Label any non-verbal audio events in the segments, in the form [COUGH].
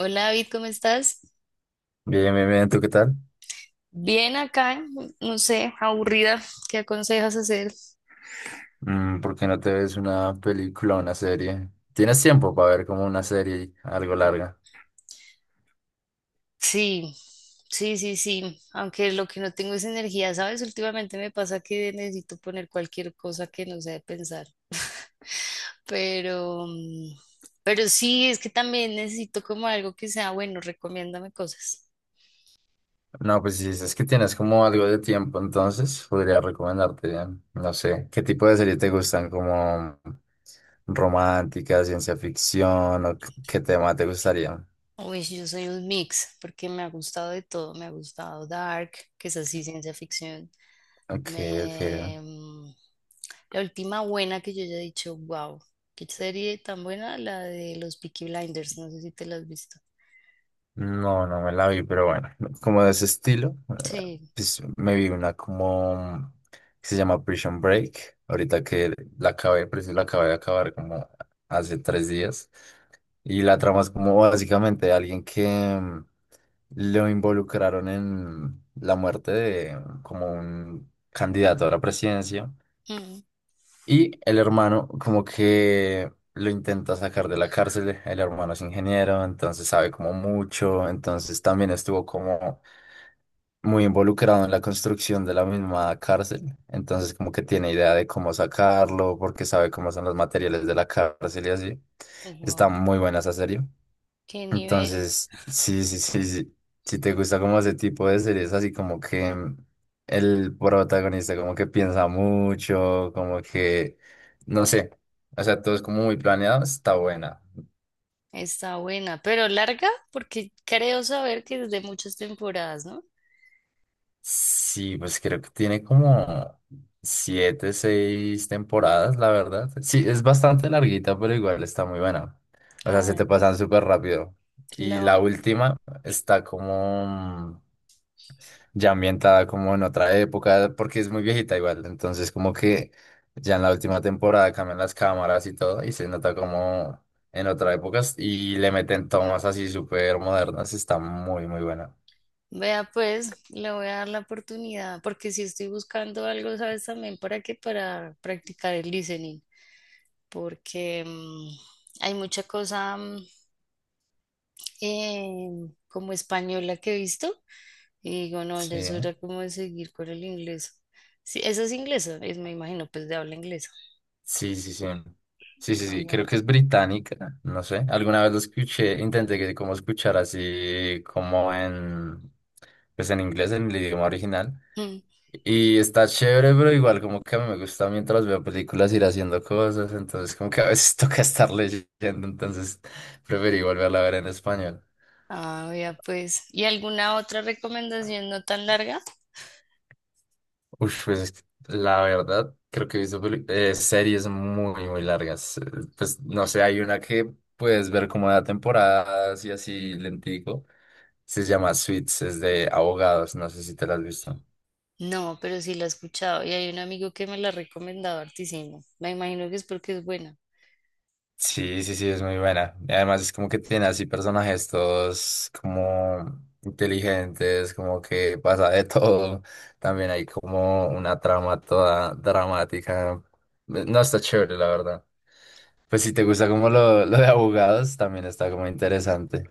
Hola David, ¿cómo estás? Bien, bien, bien, ¿tú qué tal? Bien acá, no sé, aburrida. ¿Qué aconsejas hacer? ¿Por qué no te ves una película o una serie? ¿Tienes tiempo para ver como una serie algo larga? Sí, sí. Aunque lo que no tengo es energía, ¿sabes? Últimamente me pasa que necesito poner cualquier cosa que no sea de pensar. [LAUGHS] Pero, mm, pero sí, es que también necesito como algo que sea bueno, recomiéndame cosas. No, pues si dices que tienes como algo de tiempo, entonces podría recomendarte, no sé, ¿qué tipo de serie te gustan? ¿Como romántica, ciencia ficción o qué tema te gustaría? Uy, sí, yo soy un mix, porque me ha gustado de todo. Me ha gustado Dark, que es así ciencia ficción. Ok, ok. Me... mm, La última buena que yo haya dicho, wow, qué serie tan buena, la de los Peaky Blinders, no sé si te la has visto. No, no me la vi, pero bueno, como de ese estilo, eh, Sí, pues me vi una como que se llama Prison Break, ahorita que la acabé, preciso la acabé de acabar como hace tres días, y la trama es como básicamente alguien que mm, lo involucraron en la muerte de como un candidato a la presidencia, y el hermano como que lo intenta sacar de la cárcel, el hermano es ingeniero, entonces sabe como mucho, entonces también estuvo como muy involucrado en la construcción de la misma cárcel, entonces como que tiene idea de cómo sacarlo, porque sabe cómo son los materiales de la cárcel y así. wow, Está muy buena esa serie. qué nivel, Entonces, sí, sí, sí, sí. Si te gusta como ese tipo de series, así como que el protagonista como que piensa mucho, como que, no sé, o sea, todo es como muy planeado, está buena. está buena, pero larga, porque creo saber que es de muchas temporadas, ¿no? Sí, pues creo que tiene como siete, seis temporadas, la verdad. Sí, es bastante larguita, pero igual está muy buena. O sea, Ah, se te bueno, pasan súper rápido. Y la lo, última está como ya ambientada como en otra época, porque es muy viejita igual. Entonces, como que ya en la última temporada cambian las cámaras y todo, y se nota como en otra época y le meten tomas así súper modernas. Está muy, muy buena. vea pues, le voy a dar la oportunidad, porque si estoy buscando algo, ¿sabes también para qué? Para practicar el listening, porque hay mucha cosa. Eh, Como española que he visto. Y digo, no, ya Sí, es ¿eh? hora como de seguir con el inglés. Sí, esa es inglesa, es, me imagino, pues de habla inglesa. Sí, sí, sí. Sí, sí, sí, creo que Aguanta. es británica, no sé. Alguna vez lo escuché, intenté que como escuchar así como en, pues en inglés, en el idioma original. Mm. Y está chévere, pero igual como que a mí me gusta mientras veo películas ir haciendo cosas, entonces como que a veces [LAUGHS] toca estar leyendo, entonces preferí volverla a ver en español. Ah, ya pues. ¿Y alguna otra recomendación no tan larga? Uf, pues es que la verdad, creo que he visto series muy, muy largas. Pues no sé, hay una que puedes ver como de temporadas y así lentico. Se llama Suits, es de abogados, no sé si te la has visto. No, pero sí la he escuchado. Y hay un amigo que me la ha recomendado hartísimo. Me imagino que es porque es buena. Sí, sí, sí, es muy buena. Y además es como que tiene así personajes todos como inteligentes, como que pasa de [LAUGHS] todo. También hay como una trama toda dramática. No está chévere, la verdad. Pues si te gusta como lo de abogados, también está como interesante.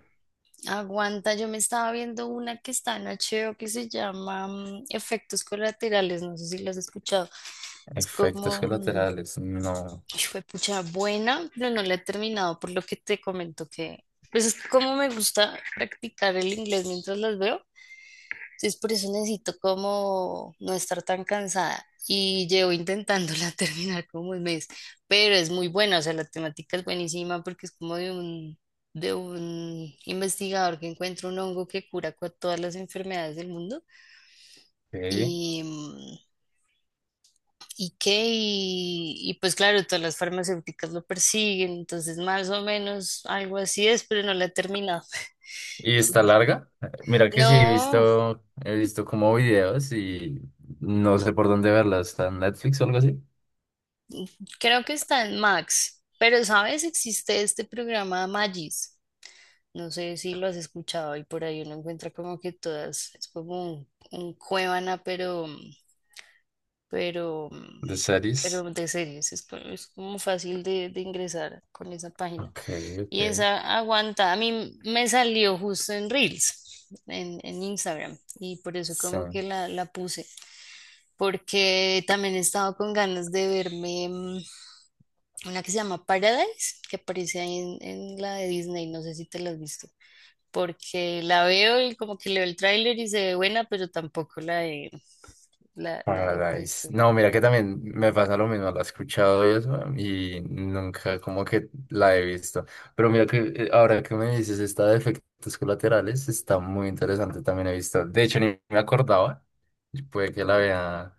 Aguanta, yo me estaba viendo una que está en HBO que se llama Efectos Colaterales. No sé si la has escuchado. Es Efectos como, mm, colaterales, no. Fue pucha buena, pero no la he terminado por lo que te comento que, pues es que como me gusta practicar el inglés mientras las veo, entonces por eso necesito como no estar tan cansada y llevo intentándola [LAUGHS] terminar como 1 mes, pero es muy buena, o sea, la temática es buenísima porque es como de un investigador que encuentra un hongo que cura todas las enfermedades del mundo. Ok. ¿Y qué? Y pues claro, todas las farmacéuticas lo persiguen, entonces más o menos algo así es, pero no la he terminado. [LAUGHS] ¿Y está larga? Mira que sí, No, he visto como videos y no sé por dónde verla. ¿Está en Netflix o algo así? creo que está en Max, pero ¿sabes? Existe este programa Magis. No sé si lo has escuchado y por ahí uno encuentra como que todas, es como un Cuevana, pero, ¿De pero series? de series, es, es como fácil de ingresar con esa página. Ok, ok. Y esa aguanta, a mí me salió justo en Reels, en Instagram, y por eso como que Sun la puse, porque también he estado con ganas de verme una que se llama Paradise, que aparece ahí en la de Disney, no sé si te la has visto, porque la veo y como que leo el tráiler y se ve buena, pero tampoco la he, la he Paradise. puesto. No, mira que también me pasa lo mismo, la he escuchado y eso, y nunca como que la he visto. Pero mira que ahora que me dices esta de efectos colaterales, está muy interesante, también he visto. De hecho, ni me acordaba, y puede que la vea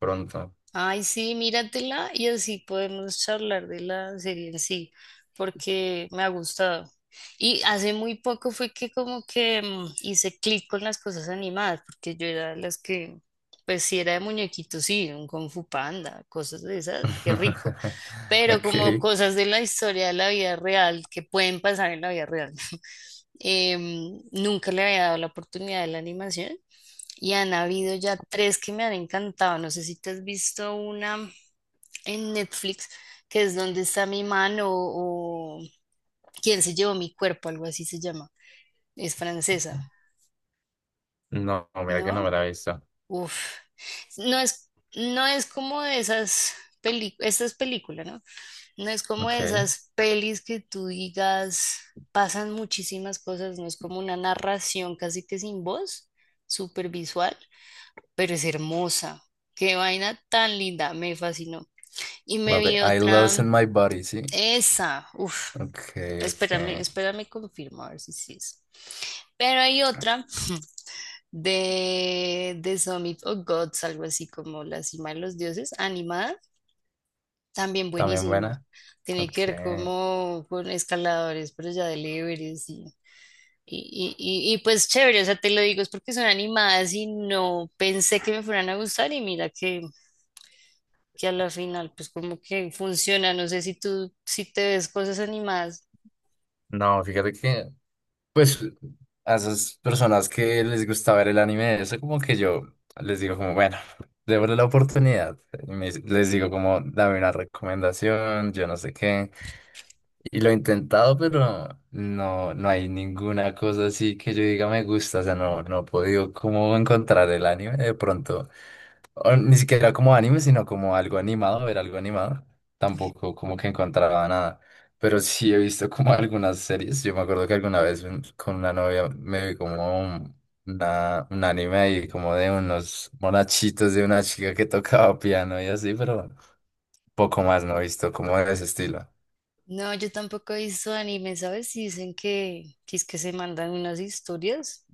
pronto. Ay, sí, míratela y así podemos charlar de la serie en sí, porque me ha gustado. Y hace muy poco fue que como que hice clic con las cosas animadas, porque yo era de las que, pues sí era de muñequitos, sí, un Kung Fu Panda, cosas de esas, qué rico. [LAUGHS] Pero como Ok. cosas de la historia de la vida real, que pueden pasar en la vida real. [LAUGHS] Nunca le había dado la oportunidad de la animación y han habido ya tres que me han encantado. No sé si te has visto una en Netflix, que es Donde está mi mano o Quién se llevó mi cuerpo, algo así se llama. Es francesa, No, mira que ¿no? no me la he visto. Uf. No es como de esas películas, esta es película, ¿no? No es como de Ok. esas pelis que tú digas, pasan muchísimas cosas, no es como una narración casi que sin voz, súper visual pero es hermosa. Qué vaina tan linda, me fascinó. Y La me de vi I Lost otra, in My Body, sí. esa, uff, Ok, espérame, ok. espérame, confirmo, a ver si sí es. Pero hay otra [LAUGHS] de The Summit of Gods, algo así como La Cima de los Dioses, animada, también También buenísima. buena. Tiene Ok. que ver como con escaladores, pero ya del Everest y pues chévere, o sea, te lo digo, es porque son animadas y no pensé que me fueran a gustar y mira que a la final pues como que funciona. No sé si tú, si te ves cosas animadas. No, fíjate que pues a esas personas que les gusta ver el anime, eso como que yo les digo como, bueno, [LAUGHS] démosle la oportunidad. Les digo como, dame una recomendación, yo no sé qué. Y lo he intentado, pero no, no hay ninguna cosa así que yo diga me gusta. O sea, no, no he podido como encontrar el anime de pronto o ni siquiera como anime, sino como algo animado, ver algo animado. Tampoco como que encontraba nada. Pero sí he visto como [LAUGHS] algunas series. Yo me acuerdo que alguna vez con una novia me vi como un anime ahí como de unos monachitos de una chica que tocaba piano y así, pero poco más no he visto como de ese estilo. No, yo tampoco he visto anime, ¿sabes? Y dicen que es que se mandan unas historias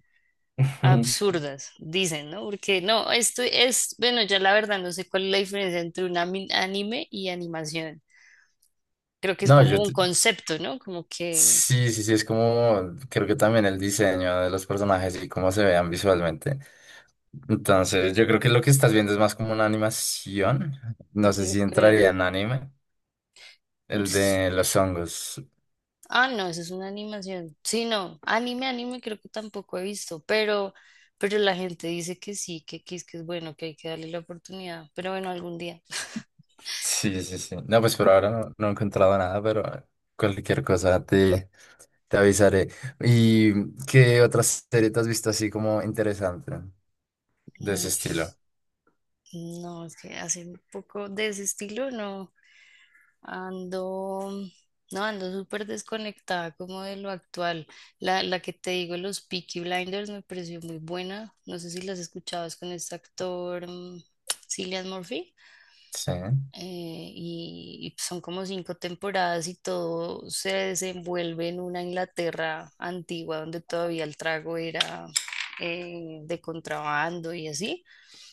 [LAUGHS] Ujú. absurdas, dicen, ¿no? Porque no, esto es, bueno, ya la verdad no sé cuál es la diferencia entre un anime y animación. Creo que es No, como yo un te- concepto, ¿no? Como que sí, sí, sí, es como, creo que también el diseño de los personajes y cómo se vean visualmente. Entonces, yo creo que lo que estás viendo es más como una animación. No sé yo si creo. entraría en anime, el de los hongos. Ah, no, eso es una animación. Sí, no, anime creo que tampoco he visto, pero la gente dice que sí, que es bueno, que hay que darle la oportunidad, pero bueno, algún día. Sí, sí, sí. No, pues por ahora no, no he encontrado nada, pero cualquier te avisaré. ¿Y qué otras series te has visto así como interesante de ese Mm, estilo? No, es que hace un poco de ese estilo, no, ando, no, ando súper desconectada como de lo actual. La que te digo, los Peaky Blinders me pareció muy buena, no sé si las escuchabas con este actor, Cillian Murphy. Sí, Y son como 5 temporadas y todo se desenvuelve en una Inglaterra antigua donde todavía el trago era de contrabando y así.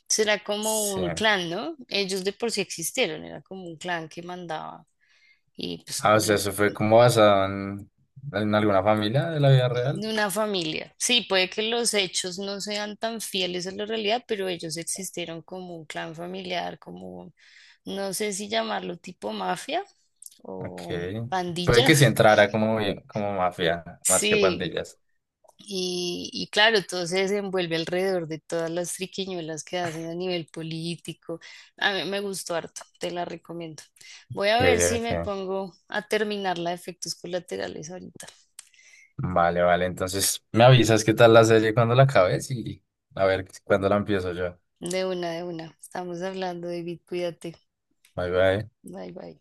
Será como sí. un clan, ¿no? Ellos de por sí existieron, era como un clan que mandaba y pues Ah, o sea, como eso fue como basado en alguna familia de la vida real. de una familia. Sí, puede que los hechos no sean tan fieles a la realidad, pero ellos existieron como un clan familiar, como, no sé si llamarlo tipo mafia Ok. o Puede pandilla. que sí [LAUGHS] entrara como, como mafia, más que Sí, pandillas. y claro, todo se desenvuelve alrededor de todas las triquiñuelas que hacen a nivel político. A mí me gustó harto, te la recomiendo. Voy a Ok, ver si me ok. pongo a terminar la de efectos colaterales ahorita. Vale, vale. Entonces me avisas qué tal la serie cuando la acabes y a ver cuándo la empiezo yo. De una, de una. Estamos hablando, David, cuídate. Bye, bye. Bye, bye.